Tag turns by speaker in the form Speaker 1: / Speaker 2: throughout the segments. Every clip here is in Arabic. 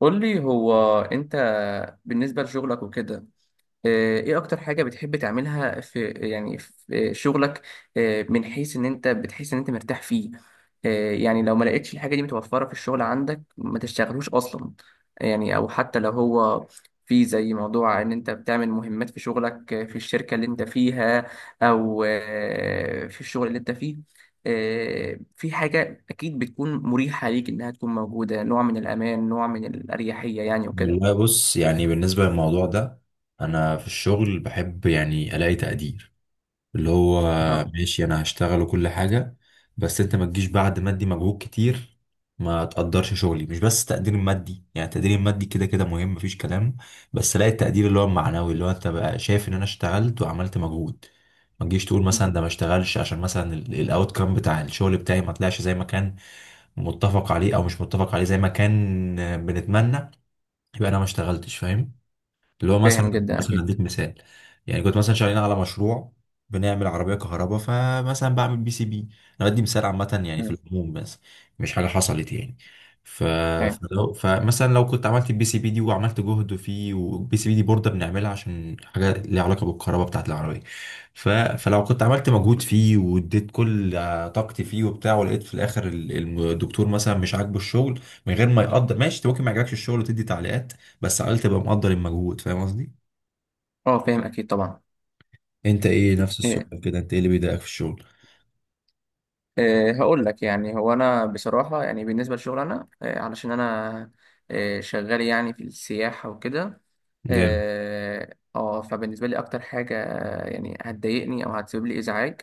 Speaker 1: قول لي هو انت بالنسبة لشغلك وكده. ايه اكتر حاجة بتحب تعملها في شغلك، من حيث ان انت بتحس ان انت مرتاح فيه. يعني لو ما لقيتش الحاجة دي متوفرة في الشغل عندك ما تشتغلوش اصلا، يعني او حتى لو هو في زي موضوع ان انت بتعمل مهمات في شغلك، في الشركة اللي انت فيها او في الشغل اللي انت فيه. في حاجة اكيد بتكون مريحة ليك انها تكون موجودة، نوع من الامان، نوع من الاريحية يعني وكده.
Speaker 2: والله، بص يعني بالنسبة للموضوع ده أنا في الشغل بحب يعني ألاقي تقدير اللي هو
Speaker 1: اه،
Speaker 2: ماشي. أنا هشتغل وكل حاجة، بس أنت ما تجيش بعد ما أدي مجهود كتير ما تقدرش شغلي. مش بس تقدير مادي، يعني التقدير المادي كده كده مهم مفيش كلام، بس ألاقي التقدير اللي هو المعنوي، اللي هو أنت بقى شايف إن أنا اشتغلت وعملت مجهود. ما تجيش تقول مثلا ده ما اشتغلش عشان مثلا الاوت كام بتاع الشغل بتاعي ما طلعش زي ما كان متفق عليه او مش متفق عليه زي ما كان بنتمنى، يبقى انا ما اشتغلتش. فاهم؟ اللي هو مثلا،
Speaker 1: فاهم جدا
Speaker 2: مثلا
Speaker 1: اكيد.
Speaker 2: اديك مثال. يعني كنت مثلا شغالين على مشروع، بنعمل عربيه كهرباء، فمثلا بعمل بي سي بي. انا بدي مثال عامه يعني في العموم بس، مش حاجه حصلت يعني. ف...
Speaker 1: فاهم.
Speaker 2: فمثلا لو كنت عملت البي سي بي دي وعملت جهد فيه، والبي سي بي دي بورده بنعملها عشان حاجه ليها علاقه بالكهرباء بتاعت العربيه. فلو كنت عملت مجهود فيه واديت كل طاقتي فيه وبتاع، ولقيت في الاخر الدكتور مثلا مش عاجبه الشغل من غير ما يقدر. ماشي، انت ممكن ما يعجبكش الشغل وتدي تعليقات، بس على الأقل تبقى مقدر المجهود. فاهم قصدي؟
Speaker 1: اه فاهم اكيد طبعا.
Speaker 2: انت ايه، نفس
Speaker 1: إيه.
Speaker 2: السؤال كده، انت ايه اللي بيضايقك في الشغل؟
Speaker 1: إيه هقول لك، يعني هو انا بصراحه يعني بالنسبه للشغل انا إيه، علشان انا إيه شغال يعني في السياحه وكده.
Speaker 2: جامد.
Speaker 1: اه فبالنسبه لي اكتر حاجه يعني هتضايقني او هتسبب لي ازعاج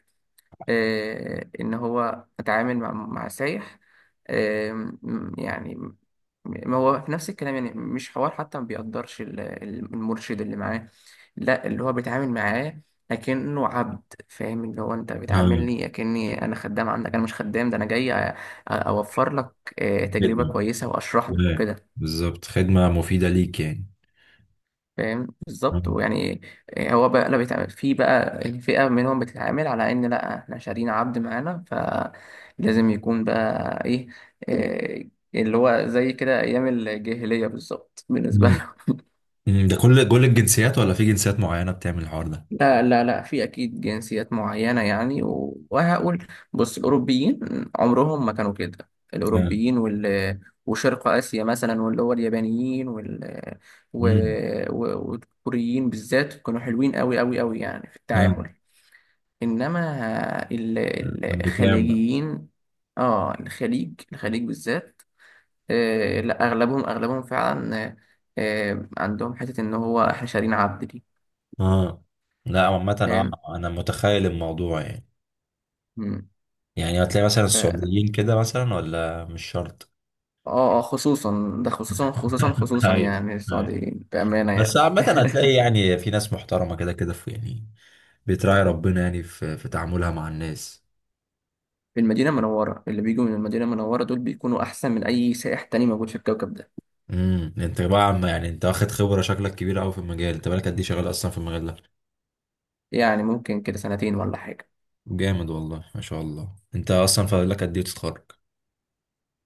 Speaker 1: إيه، ان هو اتعامل مع سايح إيه. يعني ما هو في نفس الكلام، يعني مش حوار حتى، ما بيقدرش المرشد اللي معاه، لا اللي هو بيتعامل معاه لكنه عبد. فاهم؟ اللي هو انت
Speaker 2: آه،
Speaker 1: بتعاملني اكني انا خدام عندك، انا مش خدام، ده انا جاي اوفر لك تجربة
Speaker 2: خدمة.
Speaker 1: كويسة واشرح لك
Speaker 2: آه،
Speaker 1: وكده.
Speaker 2: بالظبط، خدمة مفيدة ليك يعني.
Speaker 1: فاهم بالظبط
Speaker 2: آه.
Speaker 1: ويعني هو بقى لا بيتعامل، في بقى الفئة منهم بتتعامل على ان لا احنا شارين عبد معانا فلازم يكون بقى ايه، آه، اللي هو زي كده ايام الجاهلية بالظبط. بالنسبة،
Speaker 2: مم. مم، ده كل الجنسيات ولا في جنسيات معينة بتعمل الحوار ده؟
Speaker 1: لا لا لا، في اكيد جنسيات معينه يعني. وهقول، بص الاوروبيين عمرهم ما كانوا كده،
Speaker 2: آه.
Speaker 1: الاوروبيين وال، وشرق اسيا مثلا، واللي هو اليابانيين وال و...
Speaker 2: مم.
Speaker 1: و... والكوريين بالذات كانوا حلوين قوي قوي قوي يعني في
Speaker 2: آه.
Speaker 1: التعامل. انما
Speaker 2: امريكان بقى؟
Speaker 1: الخليجيين، اه الخليج، الخليج بالذات. آه لا اغلبهم، اغلبهم فعلا آه، عندهم حته ان هو احنا شارين عبد دي.
Speaker 2: اه، لا عامة.
Speaker 1: فاهم.
Speaker 2: اه، انا متخيل الموضوع يعني.
Speaker 1: مم.
Speaker 2: يعني هتلاقي مثلا السعوديين كده مثلا، ولا مش شرط.
Speaker 1: اه اه خصوصا ده، خصوصا خصوصا خصوصا
Speaker 2: هاي.
Speaker 1: يعني السعوديين بأمانة
Speaker 2: بس
Speaker 1: يعني
Speaker 2: عامة هتلاقي يعني في ناس محترمة كده كده، في يعني بتراعي ربنا يعني في تعاملها مع الناس.
Speaker 1: في المدينة المنورة، اللي بيجوا من المدينة المنورة دول بيكونوا أحسن من أي سائح تاني موجود في الكوكب ده.
Speaker 2: امم، انت بقى عم، يعني انت واخد خبرة شكلك كبيرة قوي في المجال. انت بقالك قد ايه شغال اصلا في المجال ده؟
Speaker 1: يعني ممكن كده سنتين ولا حاجة.
Speaker 2: جامد والله، ما شاء الله. انت اصلا فاضل لك قد ايه تتخرج؟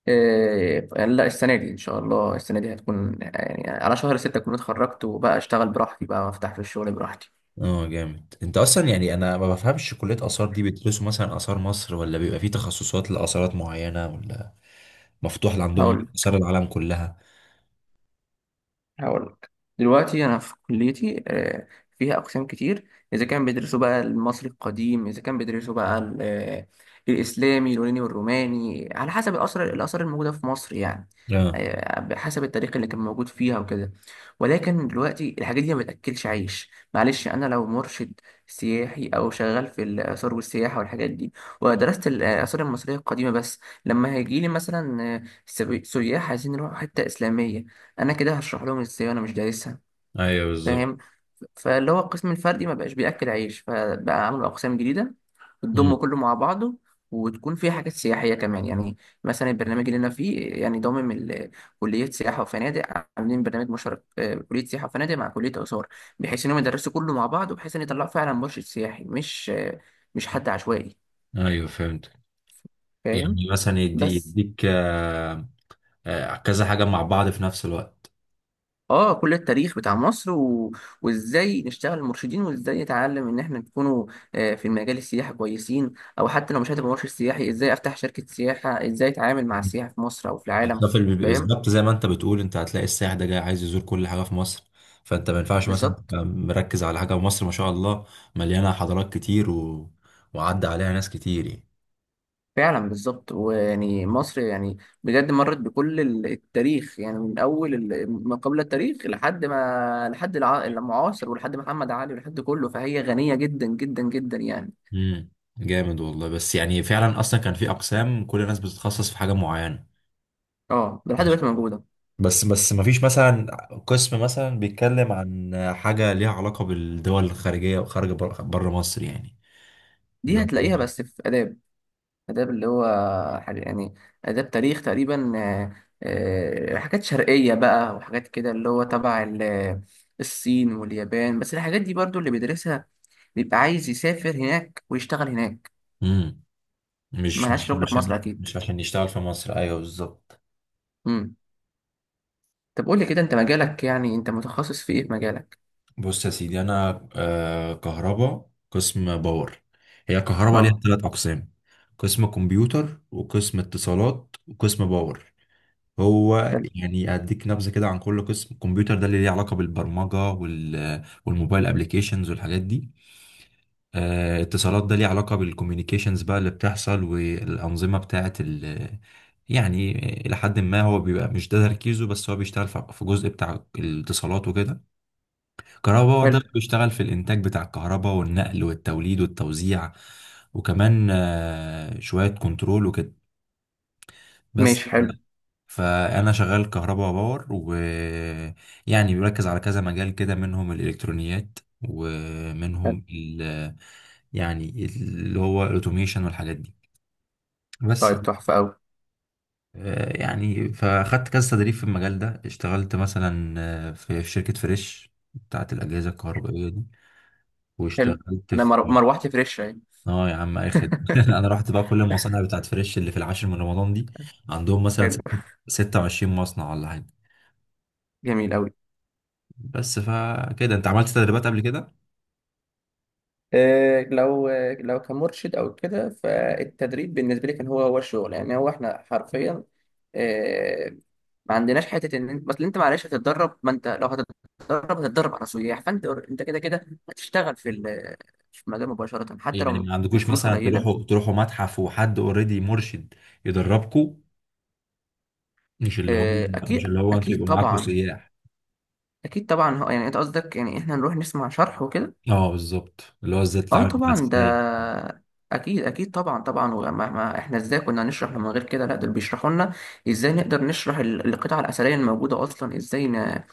Speaker 1: إيه لا السنة دي، إن شاء الله السنة دي هتكون يعني على شهر ستة أكون اتخرجت، وبقى أشتغل براحتي بقى وأفتح في الشغل براحتي.
Speaker 2: اه، جامد. انت اصلا يعني انا ما بفهمش، كلية آثار دي بيدرسوا مثلا آثار مصر ولا بيبقى في تخصصات لآثارات معينة، ولا مفتوح
Speaker 1: هقول
Speaker 2: لعندهم آثار العالم كلها؟
Speaker 1: هقول لك، دلوقتي انا في كليتي فيها اقسام كتير. اذا كان بيدرسوا بقى المصري القديم، اذا كان بيدرسوا بقى الاسلامي، اليوناني والروماني، على حسب الاثار، الاثار الموجوده في مصر يعني.
Speaker 2: اه،
Speaker 1: بحسب التاريخ اللي كان موجود فيها وكده. ولكن دلوقتي الحاجات دي ما بتاكلش عيش، معلش انا لو مرشد سياحي او شغال في الاثار والسياحه والحاجات دي ودرست الاثار المصريه القديمه بس، لما هيجي لي مثلا سياح عايزين يروحوا حته اسلاميه، انا كده هشرح لهم ازاي وانا مش دارسها؟
Speaker 2: ايوه بالظبط.
Speaker 1: فاهم. فاللي هو القسم الفردي ما بقاش بياكل عيش، فبقى عملوا اقسام جديده بتضم
Speaker 2: امم،
Speaker 1: كله مع بعضه، وتكون فيها حاجات سياحيه كمان يعني. مثلا البرنامج اللي انا فيه يعني ضامن كليه سياحه وفنادق. عاملين برنامج مشترك، كليه سياحه وفنادق مع كليه اثار، بحيث انهم يدرسوا كله مع بعض، وبحيث ان يطلعوا فعلا مرشد سياحي مش حد عشوائي.
Speaker 2: ايوه فهمت.
Speaker 1: فاهم.
Speaker 2: يعني مثلا
Speaker 1: بس
Speaker 2: يديك كذا حاجة مع بعض في نفس الوقت.
Speaker 1: اه كل التاريخ بتاع مصر وازاي نشتغل مرشدين، وازاي نتعلم ان احنا نكونوا في المجال السياحي كويسين. او حتى لو مش هتبقى مرشد سياحي، ازاي افتح شركة سياحة، ازاي اتعامل مع
Speaker 2: مم.
Speaker 1: السياحة في مصر او في العالم.
Speaker 2: بالظبط
Speaker 1: فاهم
Speaker 2: بالظبط، زي ما انت بتقول، انت هتلاقي السائح ده جاي عايز يزور كل حاجة في مصر، فانت ما ينفعش مثلا
Speaker 1: بالظبط.
Speaker 2: تبقى مركز على حاجة. مصر ما شاء الله مليانة حضارات كتير، وعدى عليها ناس كتير يعني.
Speaker 1: فعلا بالظبط، ويعني مصر يعني بجد مرت بكل التاريخ، يعني من اول ما قبل التاريخ لحد ما، لحد المعاصر، ولحد محمد علي ولحد كله، فهي غنية جدا جدا جدا يعني.
Speaker 2: امم، جامد والله. بس يعني فعلا اصلا كان في اقسام كل الناس بتتخصص في حاجة معينة.
Speaker 1: اه ده لحد
Speaker 2: ماشي.
Speaker 1: دلوقتي موجودة.
Speaker 2: بس ما فيش مثلا قسم مثلا بيتكلم عن حاجة ليها علاقة بالدول الخارجية وخارج بره مصر يعني. اللي
Speaker 1: دي
Speaker 2: هو،
Speaker 1: هتلاقيها بس في آداب. آداب اللي هو حاجة يعني آداب تاريخ تقريبا، حاجات شرقية بقى وحاجات كده، اللي هو تبع الصين واليابان. بس الحاجات دي برضو اللي بيدرسها بيبقى عايز يسافر هناك ويشتغل هناك،
Speaker 2: امم، مش مش
Speaker 1: ملهاش شغل في مصر
Speaker 2: عشان
Speaker 1: أكيد.
Speaker 2: مش عشان يشتغل في مصر؟ ايوه بالظبط.
Speaker 1: مم. طب قول لي كده، أنت مجالك، يعني أنت متخصص في إيه في مجالك؟
Speaker 2: بص يا سيدي، انا كهرباء، قسم باور. هي كهرباء ليها
Speaker 1: أه.
Speaker 2: ثلاث اقسام: قسم كمبيوتر وقسم اتصالات وقسم باور. هو
Speaker 1: حلو.
Speaker 2: يعني اديك نبذه كده عن كل قسم. الكمبيوتر ده اللي ليه علاقه بالبرمجه والموبايل ابلكيشنز والحاجات دي. اتصالات ده ليه علاقه بالكوميونيكيشنز بقى اللي بتحصل والانظمه بتاعه يعني الى حد ما هو بيبقى مش ده تركيزه، بس هو بيشتغل في جزء بتاع الاتصالات وكده. كهرباء باور ده
Speaker 1: حلو.
Speaker 2: بيشتغل في الانتاج بتاع الكهرباء والنقل والتوليد والتوزيع، وكمان شويه كنترول وكده بس.
Speaker 1: ماشي حلو.
Speaker 2: فانا شغال كهرباء باور ويعني بيركز على كذا مجال كده، منهم الالكترونيات
Speaker 1: حلو.
Speaker 2: ومنهم يعني اللي هو الاوتوميشن والحاجات دي بس.
Speaker 1: طيب تحفة أوي.
Speaker 2: يعني فاخدت كذا تدريب في المجال ده. اشتغلت مثلا في شركة فريش بتاعت الأجهزة الكهربائية دي،
Speaker 1: حلو.
Speaker 2: واشتغلت
Speaker 1: أنا
Speaker 2: في.
Speaker 1: مروحتي فريش أهي
Speaker 2: اه يا عم اخد انا رحت بقى كل المصانع بتاعت فريش اللي في العاشر من رمضان دي. عندهم مثلا
Speaker 1: حلو.
Speaker 2: 26 مصنع ولا حاجة.
Speaker 1: جميل أوي.
Speaker 2: بس فكده، انت عملت تدريبات قبل كده؟
Speaker 1: لو كمرشد او كده، فالتدريب بالنسبه لي كان هو هو الشغل يعني. هو احنا حرفيا آه، ما عندناش حته ان انت، بس انت معلش هتتدرب. ما انت لو هتتدرب هتتدرب على سياح، فانت كده كده هتشتغل في في المجال مباشره حتى
Speaker 2: يعني
Speaker 1: لو
Speaker 2: ما عندكوش
Speaker 1: الفلوس
Speaker 2: مثلا تروحوا
Speaker 1: قليله.
Speaker 2: متحف وحد اوريدي مرشد يدربكوا؟ مش اللي هو مش
Speaker 1: اكيد
Speaker 2: اللي هو انتوا
Speaker 1: اكيد
Speaker 2: يبقوا معاكوا
Speaker 1: طبعا.
Speaker 2: سياح.
Speaker 1: اكيد طبعا، يعني انت قصدك يعني احنا نروح نسمع شرح وكده.
Speaker 2: اه بالظبط، اللي هو ازاي
Speaker 1: اه
Speaker 2: تتعامل مع
Speaker 1: طبعا ده
Speaker 2: السياح.
Speaker 1: اكيد اكيد طبعا طبعا. وما ما احنا ازاي كنا هنشرح من غير كده؟ لا دول بيشرحوا لنا ازاي نقدر نشرح القطع الاثريه الموجوده اصلا، ازاي ن...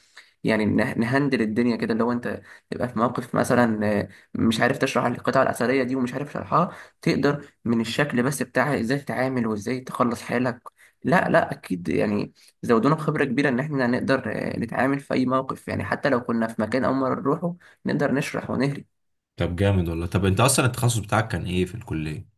Speaker 1: يعني نه- نهندل الدنيا كده لو انت تبقى في موقف مثلا مش عارف تشرح القطع الاثريه دي ومش عارف شرحها، تقدر من الشكل بس بتاعها ازاي تتعامل وازاي تخلص حالك. لا لا اكيد يعني زودونا بخبره كبيره ان احنا نقدر نتعامل في اي موقف يعني، حتى لو كنا في مكان اول مره نروحه نقدر نشرح ونهري.
Speaker 2: طب جامد والله. طب انت اصلا التخصص بتاعك كان ايه في الكلية؟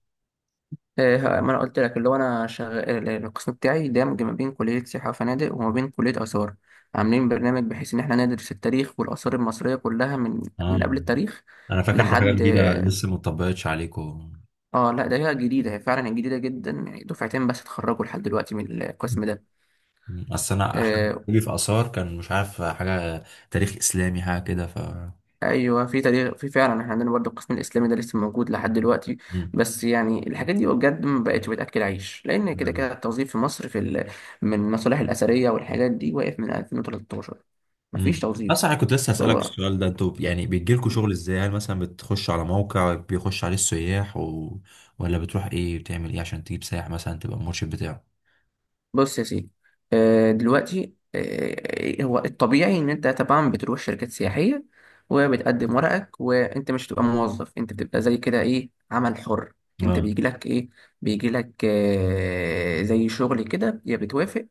Speaker 1: إيه، ما انا قلت لك اللي هو انا شغال القسم بتاعي دامج ما بين كليه سياحه وفنادق وما بين كليه اثار. عاملين برنامج بحيث ان احنا ندرس التاريخ والاثار المصريه كلها من من قبل
Speaker 2: اه،
Speaker 1: التاريخ
Speaker 2: انا فاكر دي حاجة
Speaker 1: لحد.
Speaker 2: جديدة لسه ما اتطبقتش عليكم.
Speaker 1: اه لا ده هي جديده، هي فعلا جديده جدا يعني، دفعتين بس اتخرجوا لحد دلوقتي من القسم ده.
Speaker 2: اصل انا حد
Speaker 1: آه،
Speaker 2: في اثار كان مش عارف حاجة، تاريخ اسلامي حاجة كده
Speaker 1: ايوه في تاريخ، في فعلا احنا عندنا برضو القسم الاسلامي ده لسه موجود لحد دلوقتي. بس يعني الحاجات دي بجد ما بقتش بتاكل عيش، لان كده
Speaker 2: مم.
Speaker 1: كده التوظيف في مصر في من المصالح الاثريه والحاجات دي واقف من 2013، مفيش
Speaker 2: امم،
Speaker 1: توظيف.
Speaker 2: اصلا انا كنت لسه هسألك
Speaker 1: هو
Speaker 2: السؤال ده، انتوا يعني بيجيلكوا شغل ازاي؟ هل مثلا بتخش على موقع بيخش عليه السياح ولا بتروح ايه، بتعمل ايه عشان تجيب سائح مثلا تبقى المرشد بتاعه؟
Speaker 1: بص يا سيدي، دلوقتي هو الطبيعي ان انت طبعا بتروح شركات سياحيه وبتقدم ورقك، وانت مش بتبقى موظف، انت بتبقى زي كده ايه، عمل حر. انت
Speaker 2: اه،
Speaker 1: بيجي لك ايه، بيجي لك زي شغل كده، يا بتوافق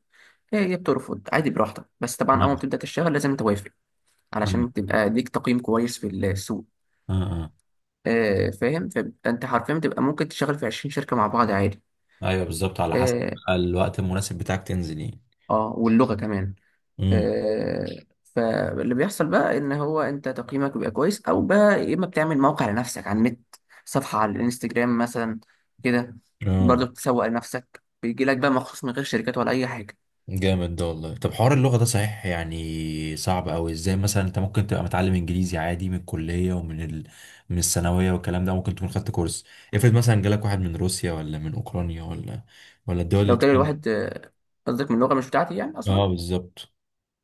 Speaker 1: يا يا بترفض عادي براحتك. بس طبعا اول ما بتبدا تشتغل لازم توافق
Speaker 2: اه،
Speaker 1: علشان تبقى ليك تقييم كويس في السوق.
Speaker 2: اه، اه،
Speaker 1: فاهم. فانت حرفيا بتبقى ممكن تشتغل في 20 شركه مع بعض عادي.
Speaker 2: ايوه بالظبط، على حسب
Speaker 1: اه
Speaker 2: بقى الوقت المناسب بتاعك تنزل ايه.
Speaker 1: واللغه كمان.
Speaker 2: امم.
Speaker 1: آه، فاللي بيحصل بقى ان هو انت تقييمك بيبقى كويس، او بقى يا اما بتعمل موقع لنفسك على النت، صفحة على الانستجرام مثلا كده،
Speaker 2: اه،
Speaker 1: برضه بتسوق لنفسك بيجي لك بقى مخصوص من غير شركات ولا اي حاجة.
Speaker 2: جامد ده والله. طب حوار اللغة ده صحيح يعني صعب أوي. ازاي مثلا انت ممكن تبقى متعلم انجليزي عادي من الكلية من الثانوية والكلام ده، ممكن تكون خدت كورس. افرض مثلا جالك واحد من روسيا ولا من اوكرانيا ولا الدول اللي
Speaker 1: لو جالي
Speaker 2: بتتكلم.
Speaker 1: الواحد قصدك من لغة مش بتاعتي يعني اصلا؟
Speaker 2: اه بالظبط،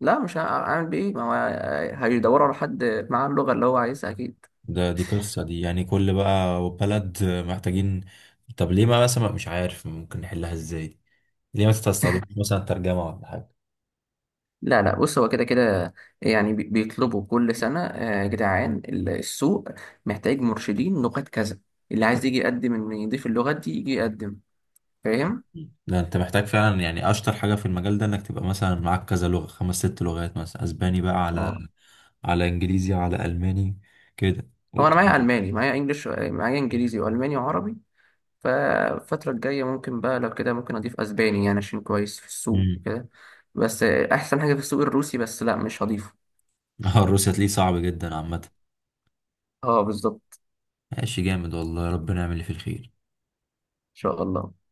Speaker 1: لا مش هعمل بيه إيه؟ ما هو هيدوروا على حد معاه اللغة اللي هو عايزها اكيد.
Speaker 2: ده دي قصة، دي يعني كل بقى بلد محتاجين. طب ليه ما مثلا مش عارف ممكن نحلها ازاي؟ ليه ما تستخدمش مثلا ترجمة ولا حاجة؟
Speaker 1: لا لا بص هو كده كده، يعني بيطلبوا كل سنة يا جدعان، السوق محتاج مرشدين لغات كذا، اللي عايز يجي يقدم إن يضيف اللغات دي يجي يقدم. فاهم؟
Speaker 2: ده انت محتاج فعلا يعني اشطر حاجة في المجال ده، انك تبقى مثلا معاك كذا لغة، خمس ست لغات مثلا، اسباني بقى على
Speaker 1: اه
Speaker 2: انجليزي على الماني كده.
Speaker 1: هو أنا معايا ألماني، معايا إنجليش، معايا إنجليزي وألماني وعربي. فالفترة الجاية ممكن بقى لو كده ممكن أضيف أسباني يعني عشان كويس في السوق
Speaker 2: امم.
Speaker 1: وكده. بس أحسن حاجة في السوق الروسي بس لا مش هضيفه.
Speaker 2: اه، الروسي هتلاقيه صعب جدا عامه.
Speaker 1: اه بالظبط.
Speaker 2: ماشي، جامد والله، ربنا يعمل اللي فيه الخير.
Speaker 1: إن شاء الله.